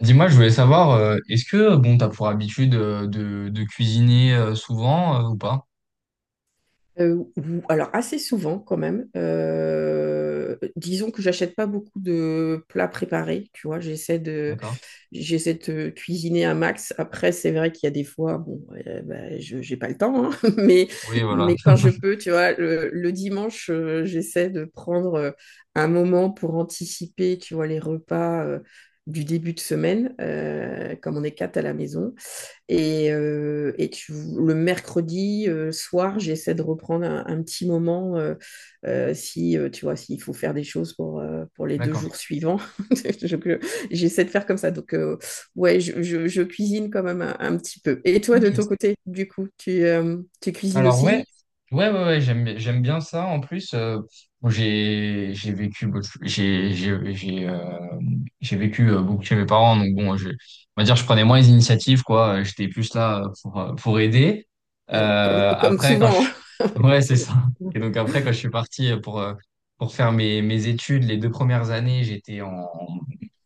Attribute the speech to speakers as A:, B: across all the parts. A: Dis-moi, je voulais savoir, est-ce que bon, t'as pour habitude de cuisiner souvent ou pas?
B: Alors assez souvent quand même. Disons que j'achète pas beaucoup de plats préparés, tu vois. J'essaie de,
A: D'accord.
B: j'essaie de cuisiner un max. Après, c'est vrai qu'il y a des fois, bon, j'ai pas le temps, hein. mais,
A: Oui, voilà.
B: mais quand je peux, tu vois, le dimanche, j'essaie de prendre un moment pour anticiper, tu vois, les repas, du début de semaine, comme on est quatre à la maison. Le mercredi, soir, j'essaie de reprendre un petit moment, si tu vois, s'il faut faire des choses pour les deux
A: D'accord.
B: jours suivants. Je- je- J'essaie de faire comme ça. Donc ouais, je cuisine quand même un petit peu. Et toi,
A: Ok.
B: de ton côté, du coup, tu cuisines
A: Alors ouais,
B: aussi?
A: ouais, ouais, ouais, j'aime bien ça. En plus, bon, j'ai vécu beaucoup chez mes parents. Donc bon, on va dire, je prenais moins les initiatives, quoi. J'étais plus là pour aider.
B: Bon, comme, comme
A: Après, quand
B: souvent.
A: je, ouais, c'est ça. Et donc après, quand je suis parti pour faire mes études, les deux premières années, j'étais en,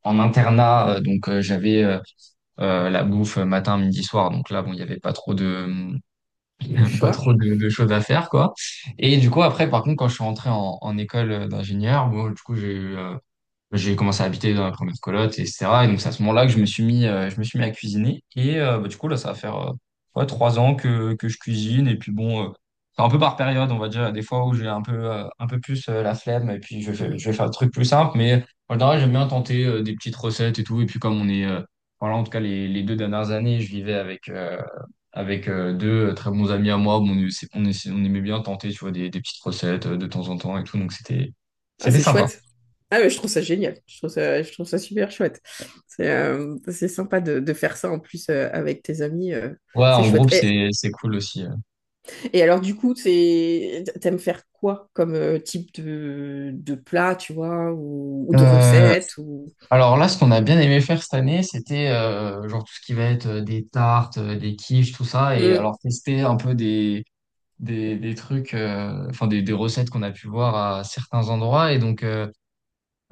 A: en internat. Donc j'avais la bouffe matin, midi, soir. Donc là, bon, il n'y avait pas trop de
B: De
A: pas trop
B: choix.
A: de, de choses à faire, quoi. Et du coup, après, par contre, quand je suis rentré en école d'ingénieur, bon, du coup, j'ai commencé à habiter dans la première coloc, et cetera. Et donc, c'est à ce moment-là que je me suis mis à cuisiner. Et bah, du coup, là, ça va faire ouais, trois ans que je cuisine. Et puis, bon, c'est un peu par période, on va dire. Il y a des fois où j'ai un peu plus la flemme. Et puis,
B: Hmm.
A: je vais faire le truc plus simple. Mais en général, j'aime bien tenter des petites recettes et tout. Et puis, comme on est. Voilà, en tout cas, les deux dernières années, avec deux très bons amis à moi. Bon, on aimait bien tenter, tu vois, des petites recettes de temps en temps et tout. Donc, c'était,
B: Ah,
A: c'était
B: c'est
A: sympa.
B: chouette. Ah, mais je trouve ça génial. Je trouve ça super chouette. C'est sympa de faire ça en plus, avec tes amis.
A: Ouais,
B: C'est
A: en
B: chouette.
A: groupe,
B: Et,
A: c'est cool aussi.
B: et alors, du coup, t'aimes faire quoi comme type de plat, tu vois, ou de
A: Euh,
B: recette ou...
A: alors là, ce qu'on a bien aimé faire cette année, c'était genre tout ce qui va être des tartes, des quiches, tout ça, et
B: Hmm.
A: alors tester un peu des trucs, enfin des recettes qu'on a pu voir à certains endroits. Et donc euh,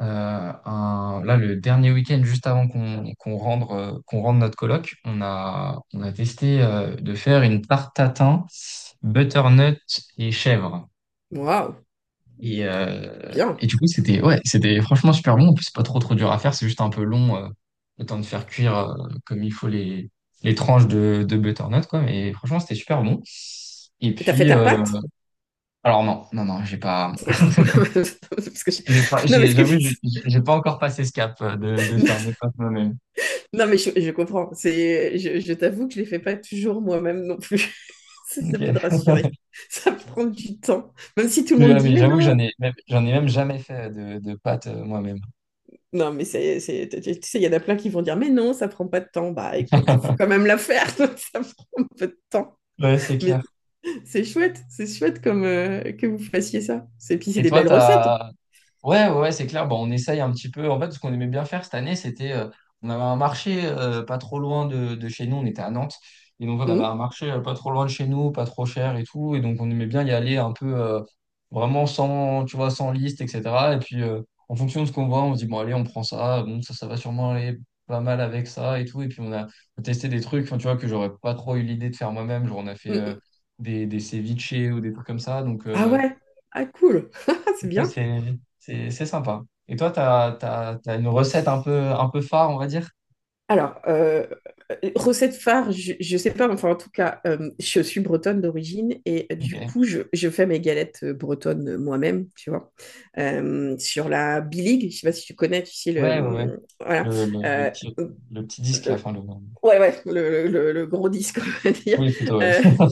A: euh, un- là, le dernier week-end juste avant qu'on rende notre colloque, on a testé de faire une tarte tatin, butternut et chèvre.
B: Waouh,
A: Et, euh,
B: bien.
A: et du coup, c'était, ouais, c'était franchement super bon. En plus, c'est pas trop trop dur à faire, c'est juste un peu long, le temps de faire cuire comme il faut les tranches de butternut, quoi. Mais franchement, c'était super bon. Et
B: Et t'as fait
A: puis,
B: ta pâte?
A: alors non, non, non,
B: Non, parce que je- non, mais, ce que...
A: j'avoue, j'ai pas encore passé ce cap de faire mes pâtes moi-même.
B: Non, mais je comprends. Je t'avoue que je ne les fais pas toujours moi-même non plus. Ça peut te
A: Ok.
B: rassurer. Ça prend du temps. Même si tout le
A: Mais
B: monde
A: ouais,
B: dit,
A: mais
B: mais
A: j'avoue que
B: non.
A: j'en ai même jamais fait de pâtes moi-même.
B: Non, mais tu sais, il y en a plein qui vont dire, mais non, ça prend pas de temps. Bah écoute, il faut quand même la faire. Donc ça prend un peu de temps.
A: Ouais, c'est
B: Mais
A: clair.
B: c'est chouette. C'est chouette comme, que vous fassiez ça. Et puis, c'est
A: Et
B: des
A: toi,
B: belles recettes.
A: t'as. Ouais, ouais, ouais, c'est clair. Bon, on essaye un petit peu. En fait, ce qu'on aimait bien faire cette année, on avait un marché pas trop loin de chez nous. On était à Nantes. Et donc, on avait un
B: Hum,
A: marché pas trop loin de chez nous, pas trop cher et tout. Et donc, on aimait bien y aller un peu vraiment sans, tu vois, sans liste, etc. Et puis, en fonction de ce qu'on voit, on se dit, bon, allez, on prend ça. Bon, ça va sûrement aller pas mal avec ça et tout. Et puis, on a testé des trucs, enfin, tu vois, que j'aurais pas trop eu l'idée de faire moi-même. Genre, on a fait
B: hum, hum.
A: des ceviches ou des trucs comme ça. Donc,
B: Ah ouais. Ah cool. C'est
A: ouais,
B: bien.
A: c'est sympa. Et toi, t'as une recette un peu phare, on va dire?
B: Alors, recette phare, je sais pas, enfin, en tout cas, je suis bretonne d'origine, et du
A: Ok.
B: coup, je fais mes galettes, bretonnes, moi-même, tu vois. Sur la biligue, je ne sais pas si tu connais, tu sais,
A: Ouais, ouais, ouais.
B: le, voilà.
A: Le, le, le
B: Euh,
A: petit, le petit disque, la
B: le-
A: fin, le.
B: ouais, ouais, le gros disque, on va dire.
A: Oui, plutôt, ouais.
B: Euh,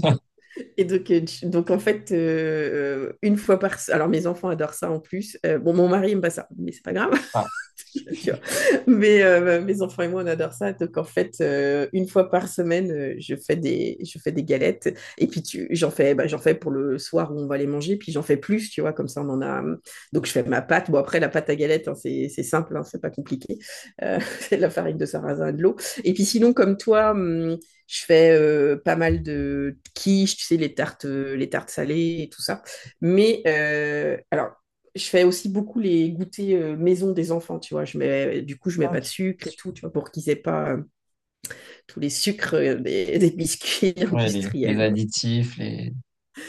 B: et donc, donc en fait, une fois par, alors mes enfants adorent ça en plus. Bon, mon mari aime pas ça, mais c'est pas grave.
A: Ah,
B: Tu vois. Mais mes enfants et moi, on adore ça. Donc, en fait, une fois par semaine, je fais des galettes. Et puis, j'en fais, j'en fais pour le soir où on va les manger. Puis, j'en fais plus, tu vois, comme ça, on en a. Donc, je fais ma pâte. Bon, après, la pâte à galette, hein, c'est simple, hein, c'est pas compliqué. C'est de la farine de sarrasin et de l'eau. Et puis, sinon, comme toi, je fais pas mal de quiches, tu sais, les tartes salées et tout ça. Mais alors, je fais aussi beaucoup les goûters, maison des enfants, tu vois. Du coup, je mets
A: ah,
B: pas de
A: ok.
B: sucre et tout, tu vois, pour qu'ils aient pas tous les sucres, des biscuits
A: Ouais, les
B: industriels.
A: additifs, les.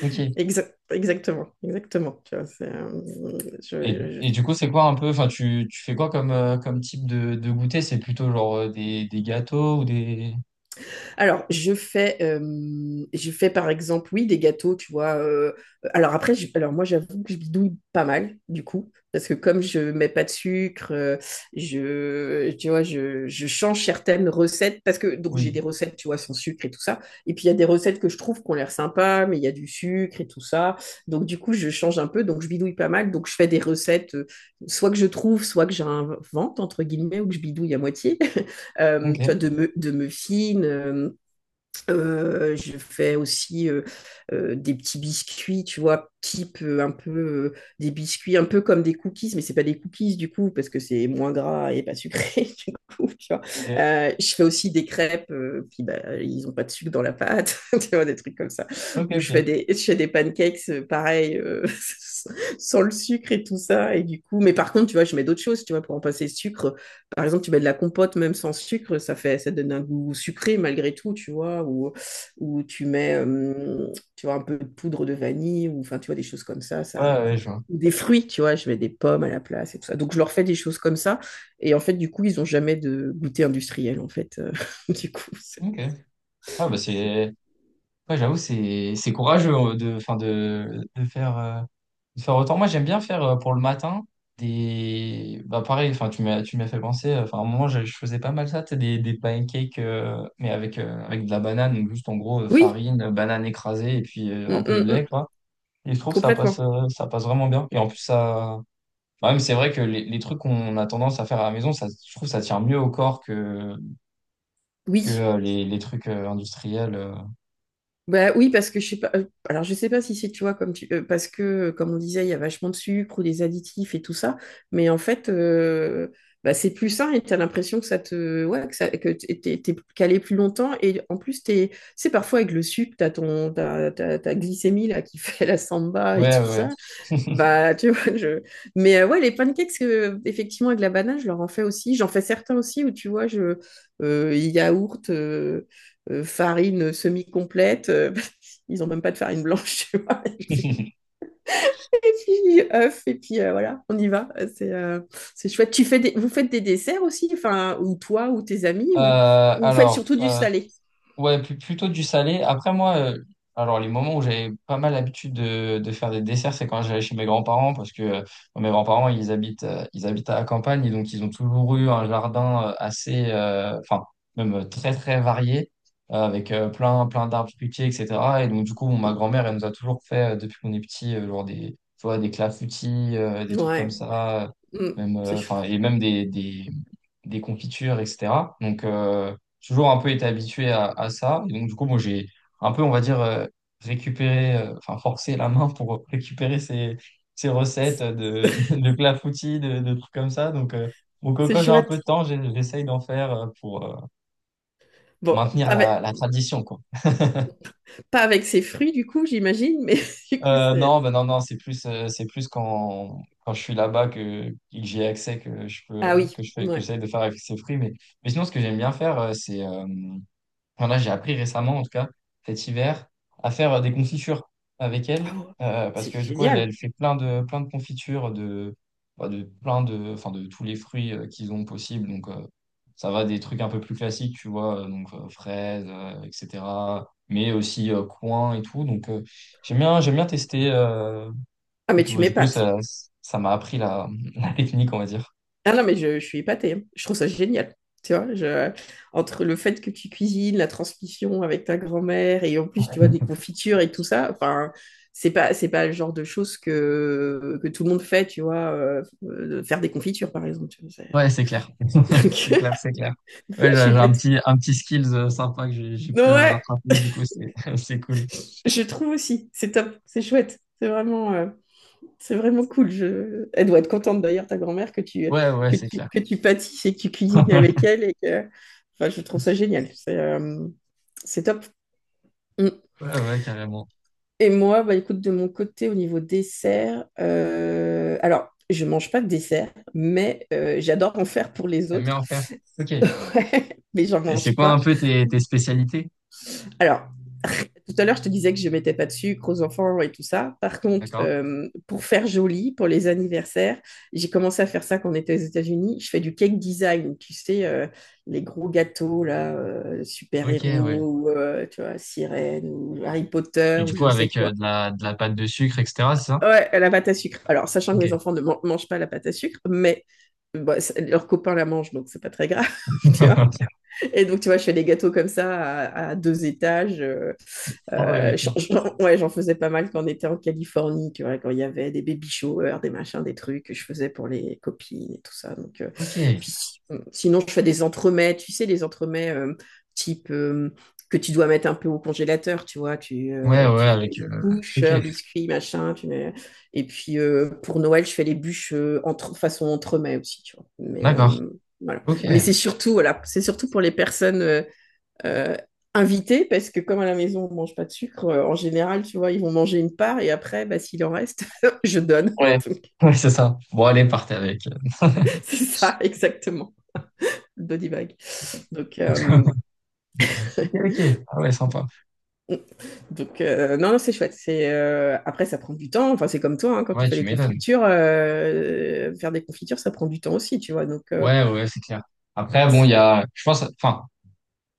A: Ok.
B: Exactement. Tu vois.
A: Et, et du coup, c'est quoi un peu. Enfin, tu fais quoi comme type de goûter? C'est plutôt genre des gâteaux ou des.
B: Alors, je fais par exemple, oui, des gâteaux, tu vois. Alors moi, j'avoue que je bidouille pas mal, du coup, parce que comme je mets pas de sucre, tu vois, je change certaines recettes, parce que donc j'ai
A: Oui.
B: des recettes, tu vois, sans sucre et tout ça. Et puis il y a des recettes que je trouve qu'on ont l'air sympa, mais il y a du sucre et tout ça. Donc du coup, je change un peu, donc je bidouille pas mal. Donc je fais des recettes, soit que je trouve, soit que j'invente entre guillemets, ou que je bidouille à moitié.
A: Ok,
B: Tu vois, de me fine. Je fais aussi, des petits biscuits, tu vois, type, un peu, des biscuits un peu comme des cookies, mais c'est pas des cookies du coup parce que c'est moins gras et pas sucré du coup, tu vois.
A: ok.
B: Je fais aussi des crêpes, puis bah, ils ont pas de sucre dans la pâte, tu vois, des trucs comme ça.
A: Ok,
B: Ou je fais
A: ok.
B: des je fais des pancakes, pareil, sans le sucre et tout ça. Et du coup, mais par contre, tu vois, je mets d'autres choses, tu vois, pour en passer le sucre. Par exemple, tu mets de la compote même sans sucre, ça donne un goût sucré malgré tout, tu vois, ou tu mets,
A: Bien.
B: tu vois, un peu de poudre de vanille, ou enfin, tu vois, des choses comme ça,
A: Ouais, ouais, je vois.
B: ou des fruits, tu vois, je mets des pommes à la place et tout ça. Donc, je leur fais des choses comme ça, et en fait, du coup, ils n'ont jamais de goûter industriel, en fait. Du coup. c'est-
A: Ok. Ah, bah c'est. Ouais, j'avoue, c'est courageux enfin, de faire. De faire autant. Moi, j'aime bien faire pour le matin des. Bah, pareil, enfin, tu m'as fait penser. Enfin, à un moment, je faisais pas mal ça, tu sais, des pancakes, mais avec, avec de la banane, donc juste en gros,
B: Oui.
A: farine, banane écrasée et puis un
B: Mm,
A: peu de
B: mm,
A: lait,
B: mm,
A: quoi. Et je trouve que
B: complètement,
A: ça passe vraiment bien. Et en plus, ça. Bah, même, c'est vrai que les trucs qu'on a tendance à faire à la maison, ça, je trouve que ça tient mieux au corps que, que
B: oui.
A: euh, les trucs industriels.
B: Bah oui, parce que je sais pas. Alors je sais pas si c'est, tu vois, comme tu parce que, comme on disait, il y a vachement de sucre ou des additifs et tout ça, mais en fait, bah, c'est plus sain et t'as l'impression que ça te, ouais, que ça que t'es calé plus longtemps et en plus t'es, c'est parfois avec le sucre t'as ton t'as, t'as- ta glycémie là qui fait la samba et
A: Ouais,
B: tout
A: ouais,
B: ça.
A: ouais.
B: Bah, tu vois, je... Mais ouais, les pancakes, effectivement, avec la banane, je leur en fais aussi. J'en fais certains aussi où, tu vois, je... Yaourt, farine semi-complète. Ils ont même pas de farine blanche, tu vois. Et puis, et puis œufs, et puis voilà, on y va. C'est euh, c'est chouette. Vous faites des desserts aussi, enfin, ou toi, ou tes amis, ou,
A: Euh,
B: ou vous faites
A: alors,
B: surtout du salé?
A: ouais, plutôt du salé. Après, moi, alors les moments où j'avais pas mal l'habitude de faire des desserts, c'est quand j'allais chez mes grands-parents, parce que mes grands-parents, ils habitent à la campagne, et donc ils ont toujours eu un jardin enfin, même très, très varié, avec plein, plein d'arbres fruitiers, etc. Et donc, du coup, ma grand-mère, elle nous a toujours fait, depuis qu'on est petit, genre des, tu vois, des clafoutis, des trucs comme
B: Ouais.
A: ça,
B: Mm. C'est chou-
A: enfin, et même des, des confitures, etc. Donc, toujours un peu été habitué à ça. Et donc, du coup, moi, j'ai un peu, on va dire, récupéré, enfin, forcé la main pour récupérer ces recettes de, de clafoutis, de trucs comme ça. Donc,
B: c'est
A: quand j'ai un peu de
B: chouette.
A: temps, j'essaye d'en faire pour
B: Bon,
A: maintenir
B: pas
A: la,
B: avec,
A: la tradition, quoi.
B: pas avec ses fruits, du coup, j'imagine, mais du coup, c'est...
A: Non, ben non, non, c'est plus quand je suis là-bas que j'ai accès que je
B: Ah
A: peux,
B: oui,
A: que je fais, que
B: ouais.
A: j'essaie de faire avec ces fruits. Mais sinon, ce que j'aime bien faire, enfin, là, j'ai appris récemment, en tout cas, cet hiver, à faire des confitures avec elle,
B: Ah ouais,
A: parce
B: c'est
A: que du coup, elle,
B: génial.
A: elle fait plein de confitures de, bah, de plein de, enfin, de tous les fruits qu'ils ont possible. Donc, ça va des trucs un peu plus classiques, tu vois, fraises, etc. Mais aussi coin et tout. Donc, j'aime bien tester.
B: Ah,
A: Et
B: mais
A: puis,
B: tu
A: bah, du coup,
B: m'épates.
A: ça m'a appris la, la technique, on va dire.
B: Ah non, mais je suis épatée, hein. Je trouve ça génial. Tu vois, je... Entre le fait que tu cuisines, la transmission avec ta grand-mère, et en plus, tu vois, des confitures et tout ça. Enfin, c'est pas le genre de choses que tout le monde fait, tu vois, faire des confitures, par exemple. Tu vois, c'est...
A: Ouais, c'est clair.
B: Donc,
A: C'est clair, c'est clair. Ouais,
B: je
A: j'ai
B: suis
A: j'ai
B: pas...
A: un petit, un petit skills sympa que j'ai pu
B: Ouais,
A: rattraper, du coup, c'est, c'est cool.
B: je trouve aussi, c'est top, c'est chouette, c'est vraiment cool. Je... Elle doit être contente d'ailleurs, ta grand-mère, que tu,
A: Ouais, ouais,
B: que
A: c'est
B: tu,
A: clair.
B: que tu pâtisses et que tu cuisines avec elle. Et que... enfin, je trouve ça génial, c'est top. Mm.
A: Ouais, ouais, carrément.
B: Et moi, bah, écoute, de mon côté, au niveau dessert, alors, je mange pas de dessert, mais j'adore en faire pour les
A: T'aimes bien
B: autres.
A: en faire. Ok. Et
B: Ouais, mais j'en
A: c'est
B: mange
A: quoi un
B: pas.
A: peu tes spécialités?
B: Alors, tout à l'heure, je te disais que je ne mettais pas de sucre aux enfants et tout ça. Par contre,
A: D'accord.
B: pour faire joli, pour les anniversaires, j'ai commencé à faire ça quand on était aux États-Unis. Je fais du cake design, tu sais, les gros gâteaux, là,
A: Ok, ouais.
B: super-héros, ou, tu vois, sirène, ou Harry Potter,
A: Et du
B: ou je
A: coup,
B: ne sais
A: avec
B: quoi.
A: de la pâte de sucre, etc., c'est ça?
B: Ouais, la pâte à sucre. Alors, sachant que
A: Ok.
B: mes enfants ne mangent pas la pâte à sucre, mais leurs copains la mangent, donc c'est pas très grave, tu vois. Et donc, tu vois, je fais des gâteaux comme ça à deux étages.
A: Ah ouais, ok.
B: Ouais, j'en faisais pas mal quand on était en Californie, tu vois, quand il y avait des baby showers, des machins, des trucs que je faisais pour les copines et tout ça. Donc,
A: Ok.
B: puis si- sinon, je fais des entremets, tu sais, les entremets, type, que tu dois mettre un peu au congélateur, tu vois, tu,
A: Ouais,
B: euh,
A: ouais,
B: tu fais
A: avec,
B: une couche,
A: ok.
B: un biscuit, machin, tu mets... Et puis pour Noël, je fais les bûches, entre... façon entremets aussi, tu vois.
A: D'accord.
B: Voilà.
A: Ok.
B: Mais c'est surtout, voilà, c'est surtout pour les personnes. Euh, Invité, parce que comme à la maison, on mange pas de sucre, en général, tu vois, ils vont manger une part et après, bah, s'il en reste, je donne.
A: Ouais.
B: Donc,
A: Ouais, c'est ça. Bon, allez, partez avec.
B: c'est ça, exactement, le body bag. Donc, euh,
A: Ok, ok. Ah ouais, sympa.
B: donc non, non, c'est chouette. Après, ça prend du temps. Enfin, c'est comme toi, hein, quand tu
A: Ouais,
B: fais
A: tu
B: les
A: m'étonnes.
B: confitures, faire des confitures, ça prend du temps aussi, tu vois.
A: Ouais, ouais, c'est clair. Après, bon, il y a, je pense, enfin,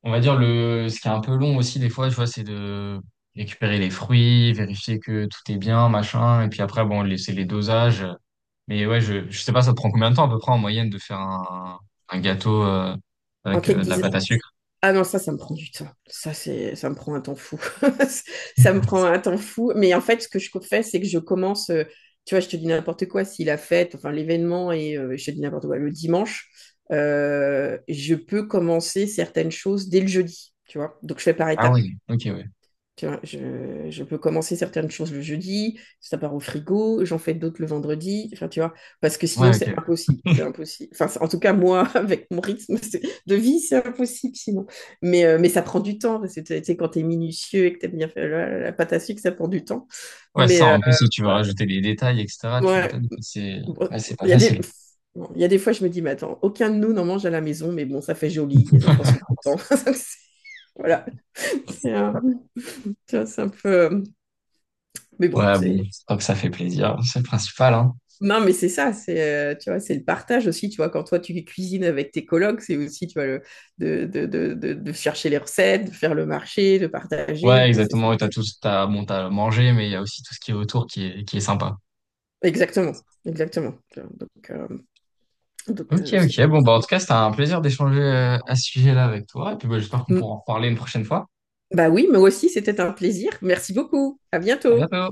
A: on va dire ce qui est un peu long aussi des fois, tu vois, c'est de récupérer les fruits, vérifier que tout est bien, machin, et puis après, bon, laisser les dosages. Mais ouais, je sais pas, ça te prend combien de temps à peu près en moyenne de faire un gâteau
B: En
A: avec
B: cake
A: de la
B: design,
A: pâte à sucre?
B: ah non, ça me prend du temps. Ça me prend un temps fou. Ça me prend un temps fou. Mais en fait, ce que je fais, c'est que je commence, tu vois, je te dis n'importe quoi, si la fête, enfin l'événement, et je te dis n'importe quoi, le dimanche, je peux commencer certaines choses dès le jeudi, tu vois. Donc, je fais par
A: Ah
B: étapes.
A: oui, ok, ouais.
B: Tu vois, je peux commencer certaines choses le jeudi, ça part au frigo, j'en fais d'autres le vendredi, enfin, tu vois, parce que sinon
A: Ouais, ok.
B: c'est impossible, c'est impossible. Enfin, en tout cas, moi, avec mon rythme de vie, c'est impossible sinon. Mais ça prend du temps, parce que tu sais, quand t'es minutieux et que tu bien faire la pâte à sucre, ça prend du temps.
A: Ouais,
B: Mais
A: ça,
B: euh,
A: en plus, si tu veux
B: bah,
A: rajouter les détails, etc., tu
B: ouais,
A: m'étonnes, c'est,
B: bon,
A: ouais, c'est pas
B: il y a des...
A: facile.
B: bon, il y a des fois, je me dis, mais attends, aucun de nous n'en mange à la maison, mais bon, ça fait joli, les enfants sont contents. Voilà, c'est un, tu vois, c'est un peu... Mais bon,
A: Ouais, bon,
B: c'est...
A: tant que ça fait plaisir, c'est le principal, hein.
B: Non, mais c'est ça, c'est tu vois, c'est le partage aussi, tu vois, quand toi tu cuisines avec tes colocs, c'est aussi, tu vois, le, de chercher les recettes, de faire le marché, de partager,
A: Ouais,
B: bon, c'est ça.
A: exactement. Et bon, t'as mangé, mais il y a aussi tout ce qui est autour qui est sympa.
B: Exactement, exactement. Donc, euh, donc
A: Ok,
B: euh, c'est
A: ok.
B: chouette.
A: Bon, bah, en tout cas, c'était un plaisir d'échanger à ce sujet-là avec toi. Et puis, bah, j'espère qu'on
B: Mm.
A: pourra en reparler une prochaine fois.
B: Bah oui, moi aussi, c'était un plaisir. Merci beaucoup. À
A: À
B: bientôt.
A: bientôt.